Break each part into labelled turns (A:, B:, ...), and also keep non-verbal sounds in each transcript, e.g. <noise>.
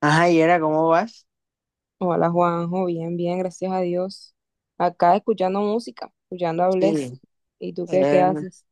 A: Ajá, y era, ¿cómo vas?
B: Hola Juanjo, bien, bien, gracias a Dios. Acá escuchando música, escuchando a
A: Sí.
B: Bless. ¿Y tú qué, qué
A: Eh,
B: haces?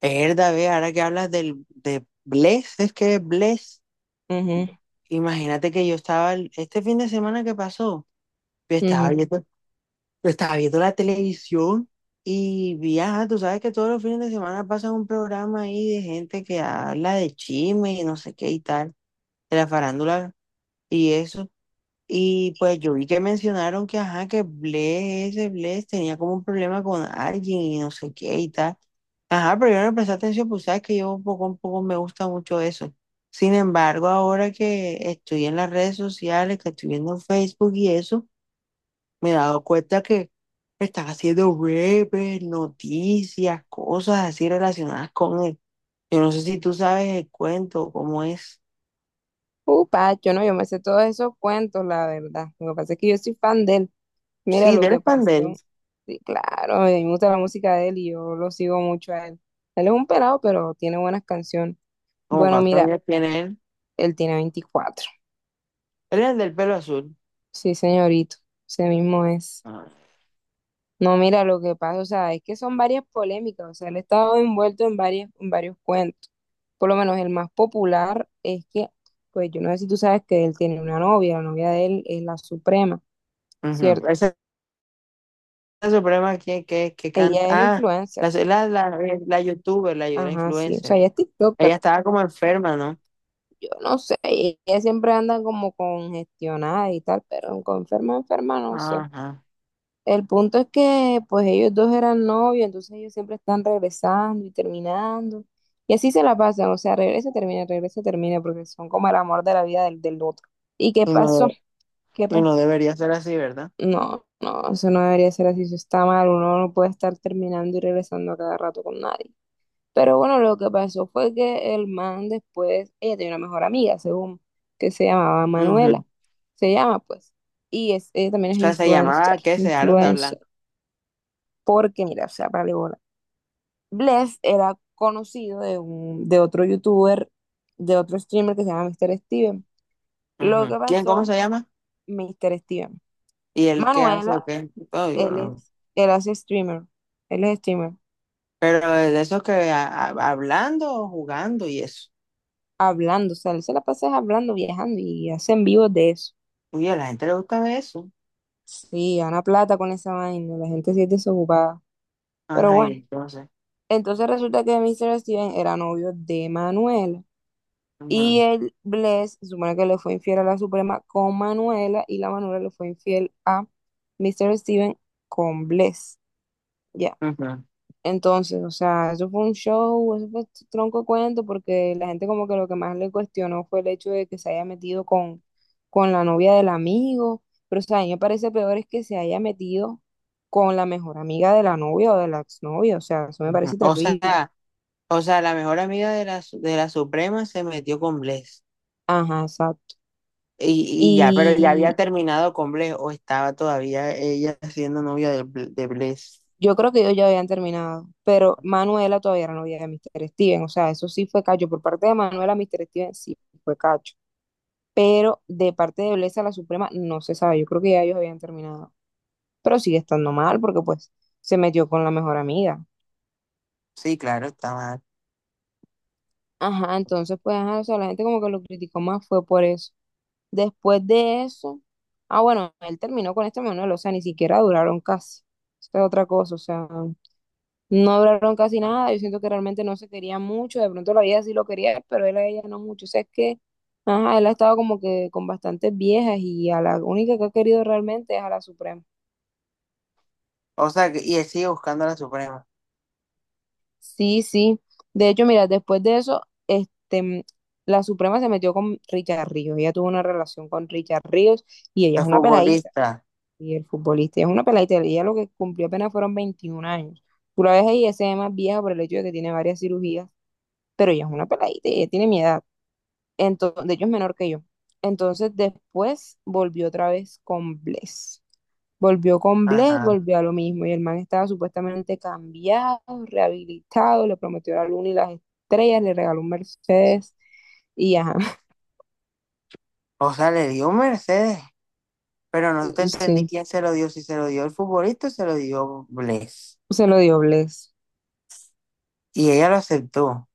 A: Erda, ve, ahora que hablas de Bless, es que Bless,
B: Ujú,
A: imagínate que yo estaba, este fin de semana que pasó, yo estaba
B: ujú.
A: viendo, yo estaba viendo la televisión y vi, ajá, tú sabes que todos los fines de semana pasa un programa ahí de gente que habla de chisme y no sé qué y tal, de la farándula y eso. Y pues yo vi que mencionaron que, ajá, que Bless, ese Bless tenía como un problema con alguien y no sé qué y tal. Ajá, pero yo no le presté atención, pues sabes que yo poco, a poco me gusta mucho eso. Sin embargo, ahora que estoy en las redes sociales, que estoy viendo Facebook y eso, me he dado cuenta que están haciendo webs, noticias, cosas así relacionadas con él. Yo no sé si tú sabes el cuento, cómo es.
B: Upa, yo no, yo me sé todos esos cuentos, la verdad. Lo que pasa es que yo soy fan de él. Mira
A: Sí,
B: lo
A: del
B: que
A: pandel,
B: pasó. Sí, claro, a mí me gusta la música de él y yo lo sigo mucho a él. Él es un pelado, pero tiene buenas canciones.
A: como
B: Bueno,
A: cuántos
B: mira,
A: años tiene él.
B: él tiene 24.
A: Él es el del pelo azul.
B: Sí, señorito, ese mismo es.
A: Ah.
B: No, mira, lo que pasa, o sea, es que son varias polémicas, o sea, él ha estado envuelto en varias, en varios cuentos. Por lo menos el más popular es que, pues yo no sé si tú sabes que él tiene una novia, la novia de él es la Suprema,
A: Ujú.
B: ¿cierto?
A: Ese es el problema que canta.
B: Ella es
A: Ah,
B: influencer,
A: la, la youtuber, la
B: ajá, sí, o
A: influencer.
B: sea, ella es TikToker.
A: Ella estaba como enferma, ¿no?
B: Yo no sé, ella siempre anda como congestionada y tal, pero con enferma, enferma, no sé.
A: Ajá.
B: El punto es que pues ellos dos eran novios, entonces ellos siempre están regresando y terminando. Y así se la pasan, o sea, regresa, termina, porque son como el amor de la vida del, del otro. ¿Y qué
A: Y
B: pasó?
A: no,
B: ¿Qué
A: y no
B: pasó?
A: debería ser así, ¿verdad?
B: No, no, eso no debería ser así, eso está mal, uno no puede estar terminando y regresando a cada rato con nadie. Pero bueno, lo que pasó fue que el man después, ella tenía una mejor amiga, según, que se llamaba
A: Ujú.
B: Manuela, se llama pues, y es, ella también
A: O
B: es
A: sea, se
B: influencer,
A: llamaba ¿qué? Se dejaron de hablar.
B: influencer. Porque, mira, o sea, para bola. Bless era conocido de, un, de otro youtuber, de otro streamer que se llama Mr. Steven. Lo
A: Ujú.
B: que
A: ¿Quién, cómo
B: pasó,
A: se llama?
B: Mr. Steven.
A: ¿Y él qué hace o
B: Manuela,
A: qué? Oh, yo
B: él
A: no.
B: es, él hace streamer, él es streamer,
A: Pero de esos que hablando o jugando y eso.
B: hablando, o sea, él se la pasa hablando, viajando y hacen vivos de eso.
A: Uy, a la gente le gusta ver eso.
B: Sí, gana plata con esa vaina, la gente sí es desocupada. Pero
A: Ajá, y
B: bueno,
A: entonces.
B: entonces resulta que Mr. Steven era novio de Manuela. Y
A: Ujú,
B: el Bless, se supone que le fue infiel a la Suprema con Manuela y la Manuela le fue infiel a Mr. Steven con Bless. Ya.
A: ujú,
B: Entonces, o sea, eso fue un show, eso fue tronco de cuento, porque la gente como que lo que más le cuestionó fue el hecho de que se haya metido con la novia del amigo. Pero, o sea, a mí me parece peor es que se haya metido con la mejor amiga de la novia o de la exnovia. O sea, eso me
A: ujú.
B: parece terrible.
A: O sea, la mejor amiga de de la Suprema se metió con Bless.
B: Ajá, exacto.
A: Y ya, pero ya había terminado con Bless o estaba todavía ella siendo novia de, de Bless.
B: Yo creo que ellos ya habían terminado, pero Manuela todavía era novia de Mr. Steven, o sea, eso sí fue cacho. Por parte de Manuela, Mr. Steven sí fue cacho, pero de parte de Blesa la Suprema no se sabe, yo creo que ya ellos habían terminado, pero sigue estando mal porque pues se metió con la mejor amiga.
A: Sí, claro, estaba.
B: Ajá, entonces pues, ajá, o sea, la gente como que lo criticó más fue por eso. Después de eso, ah, bueno, él terminó con este Manuel, o sea, ni siquiera duraron casi. Esta es otra cosa, o sea, no hablaron casi nada, yo siento que realmente no se quería mucho, de pronto la vida sí lo quería, pero él a ella no mucho, o sea, es que, ajá, él ha estado como que con bastantes viejas y a la única que ha querido realmente es a la Suprema.
A: O sea, y él sigue buscando a la Suprema.
B: Sí, sí, de hecho, mira, después de eso, este, mm, la Suprema se metió con Richard Ríos, ella tuvo una relación con Richard Ríos y ella
A: El
B: es una peladita,
A: futbolista.
B: y el futbolista ella es una peladita, ella lo que cumplió apenas fueron 21 años. Tú la ves ahí, ella se ve más vieja por el hecho de que tiene varias cirugías, pero ella es una peladita, y ella tiene mi edad. Entonces, de hecho es menor que yo. Entonces después volvió otra vez con Bless. Volvió con Bless,
A: Ajá.
B: volvió a lo mismo. Y el man estaba supuestamente cambiado, rehabilitado, le prometió la luna y las estrellas, le regaló un Mercedes. Y ajá,
A: O sea, le dio un Mercedes, pero no te
B: <laughs>
A: entendí
B: sí,
A: quién se lo dio, si se lo dio el futbolista o se lo dio Bless.
B: se lo dio Bless.
A: Y ella lo aceptó.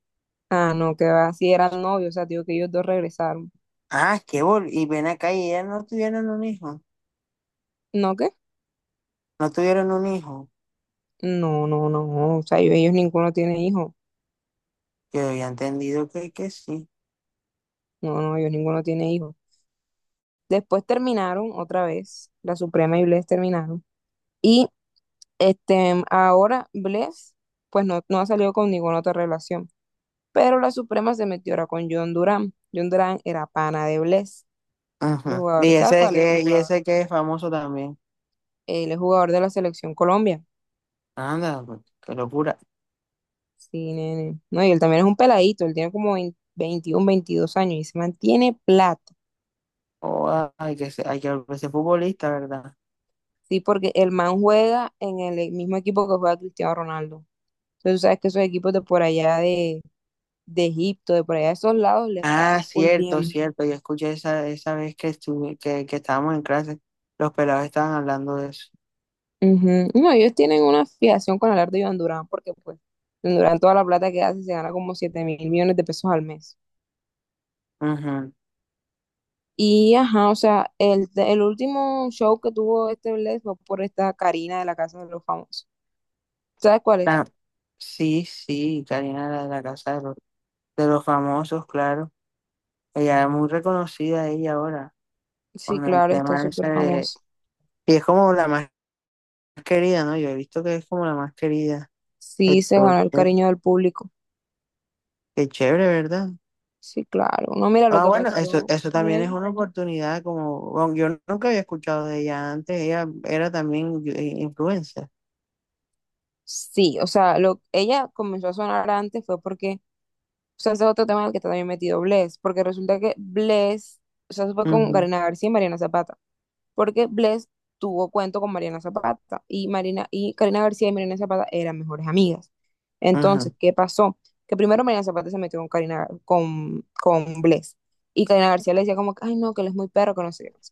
B: Ah, no, que va, si eran novios, o sea, digo que ellos dos regresaron.
A: Ah, qué bol. Y ven acá y ellas no tuvieron un hijo.
B: ¿No qué?
A: No tuvieron un hijo.
B: No, no, no, o sea, ellos ninguno tiene hijo.
A: Yo había entendido que sí.
B: No, no, ellos ninguno tiene hijo. Después terminaron otra vez, la Suprema y Bless terminaron. Y este, ahora Bless, pues no, no ha salido con ninguna otra relación. Pero la Suprema se metió ahora con John Durán. John Durán era pana de Bless, el
A: Ajá.
B: jugador. ¿Sabes cuál es el
A: Y
B: jugador?
A: ese que es famoso también.
B: Él es jugador de la selección Colombia.
A: Anda, pues, qué locura.
B: Sí, nene. No, y él también es un peladito. Él tiene como 20 21, 22 años y se mantiene plata.
A: Oh, ah, hay que ser, hay que volverse futbolista, ¿verdad?
B: Sí, porque el man juega en el mismo equipo que juega Cristiano Ronaldo. Entonces, tú sabes que esos equipos de por allá de Egipto, de por allá de esos lados, les
A: Ah,
B: pagan full
A: cierto,
B: bien.
A: cierto. Yo escuché esa, esa vez que, estuve, que estábamos en clase, los pelados estaban hablando de eso.
B: Ujú. No, ellos tienen una fijación con hablar de Iván Durán, porque pues Iván Durán toda la plata que hace se gana como 7.000 millones de pesos al mes.
A: Ujú.
B: Y ajá, o sea, el último show que tuvo este Bless fue por esta Karina de la Casa de los Famosos. ¿Sabes cuál es?
A: Ah, sí, sí, Karina la de la casa de los famosos, claro. Ella es muy reconocida ella ahora,
B: Sí,
A: con el
B: claro, está
A: tema ese
B: súper
A: de...
B: famoso.
A: Y es como la más querida, ¿no? Yo he visto que es como la más querida.
B: Sí, se
A: Entonces,
B: ganó el cariño del público.
A: qué chévere, ¿verdad?
B: Sí, claro. No, mira lo
A: Ah,
B: que
A: bueno, eso,
B: pasó
A: eso
B: con
A: también es
B: él.
A: una oportunidad, como bueno, yo nunca había escuchado de ella antes, ella era también influencer.
B: Sí, o sea, lo, ella comenzó a sonar antes fue porque... O sea, ese es otro tema en el que también metido Bless, porque resulta que Bless, o sea, se fue con
A: Ujú,
B: Karina García y Mariana Zapata, porque Bless tuvo cuento con Mariana Zapata y Marina y Karina García y Mariana Zapata eran mejores amigas.
A: ujú,
B: Entonces, ¿qué pasó? Que primero Mariana Zapata se metió con Karina con Bless y Karina García le decía como que, ay no, que él es muy perro, que no sé qué no sé.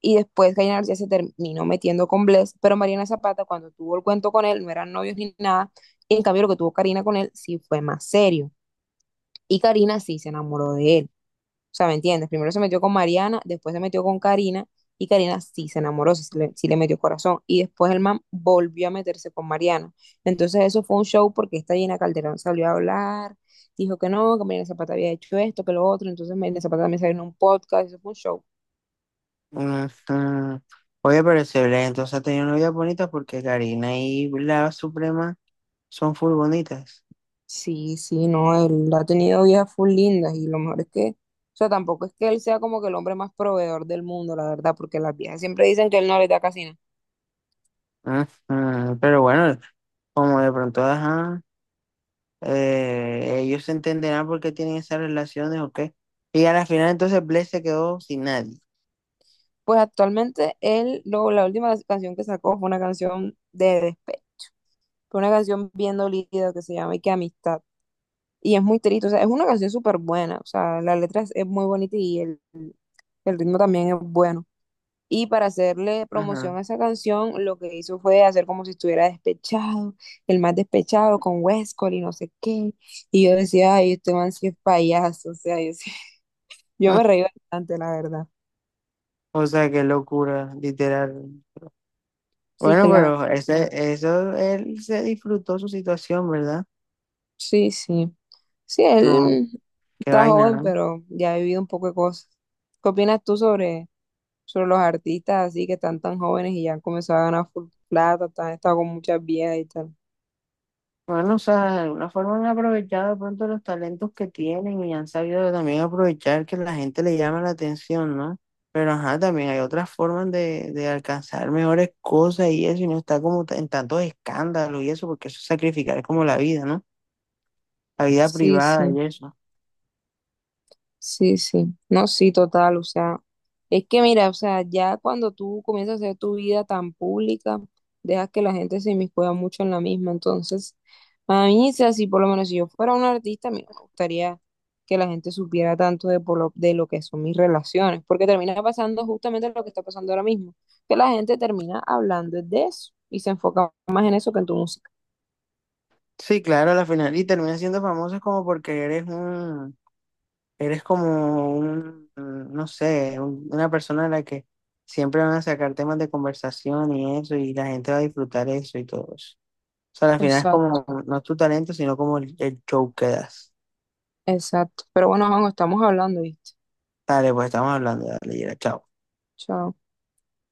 B: Y después Karina García se terminó metiendo con Bless, pero Mariana Zapata cuando tuvo el cuento con él no eran novios ni nada, y en cambio lo que tuvo Karina con él sí fue más serio. Y Karina sí se enamoró de él. O sea, ¿me entiendes? Primero se metió con Mariana, después se metió con Karina y Karina sí se enamoró, sí le metió corazón. Y después el man volvió a meterse con Mariana. Entonces eso fue un show porque esta Gina Calderón salió a hablar, dijo que no, que Mariana Zapata había hecho esto, que lo otro. Entonces Mariana Zapata también salió en un podcast, eso fue un show.
A: ujú. Oye, pero excelente, entonces ha tenido novias bonitas porque Karina y la Suprema son full bonitas.
B: Sí, sí, no, él ha tenido vidas full lindas y lo mejor es que... O sea, tampoco es que él sea como que el hombre más proveedor del mundo, la verdad, porque las viejas siempre dicen que él no les da casi nada.
A: Ujú, pero bueno, como de pronto, ajá, ellos se entenderán por qué tienen esas relaciones o qué. Y a la final entonces Bless se quedó sin nadie.
B: Pues actualmente él, lo, la última canción que sacó fue una canción de despecho, fue una canción bien dolida que se llama Y que amistad. Y es muy triste, o sea, es una canción súper buena, o sea, la letra es muy bonita y el ritmo también es bueno. Y para hacerle promoción
A: Ujú.
B: a esa canción, lo que hizo fue hacer como si estuviera despechado, el más despechado con Westcol y no sé qué. Y yo decía, ay, este man sí es payaso, o sea, yo, sí- <laughs> yo me reí
A: <laughs>
B: bastante, la verdad.
A: O sea, qué locura, literal.
B: Sí,
A: Bueno,
B: claro.
A: pero ese, eso, él se disfrutó su situación, ¿verdad?
B: Sí, sí. Sí,
A: No,
B: él
A: qué
B: está
A: vaina,
B: joven,
A: ¿no?
B: pero ya ha vivido un poco de cosas. ¿Qué opinas tú sobre, sobre los artistas así que están tan jóvenes y ya han comenzado a ganar full plata, están, han estado con muchas viejas y tal?
A: Bueno, o sea, de alguna forma han aprovechado de pronto los talentos que tienen y han sabido también aprovechar que la gente le llama la atención, ¿no? Pero ajá, también hay otras formas de alcanzar mejores cosas y eso, y no está como en tantos escándalos y eso, porque eso es sacrificar, es como la vida, ¿no? La vida
B: Sí,
A: privada
B: sí.
A: y eso.
B: Sí, sí, no, sí, total, o sea, es que mira, o sea, ya cuando tú comienzas a hacer tu vida tan pública, dejas que la gente se inmiscuya mucho en la misma, entonces, a mí, o sea, si por lo menos si yo fuera un artista, a mí no me gustaría que la gente supiera tanto de, por lo, de lo que son mis relaciones, porque termina pasando justamente lo que está pasando ahora mismo, que la gente termina hablando de eso y se enfoca más en eso que en tu música.
A: Sí, claro, a la final, y termina siendo famoso como porque eres un. Eres como un, mm, no sé, una persona a la que siempre van a sacar temas de conversación y eso, y la gente va a disfrutar eso y todo eso. O sea, al final es
B: Exacto,
A: como, no es tu talento, sino como el show que das.
B: exacto, pero bueno, vamos, estamos hablando, ¿viste?
A: Dale, pues estamos hablando, dale, Yera, chao.
B: Chao.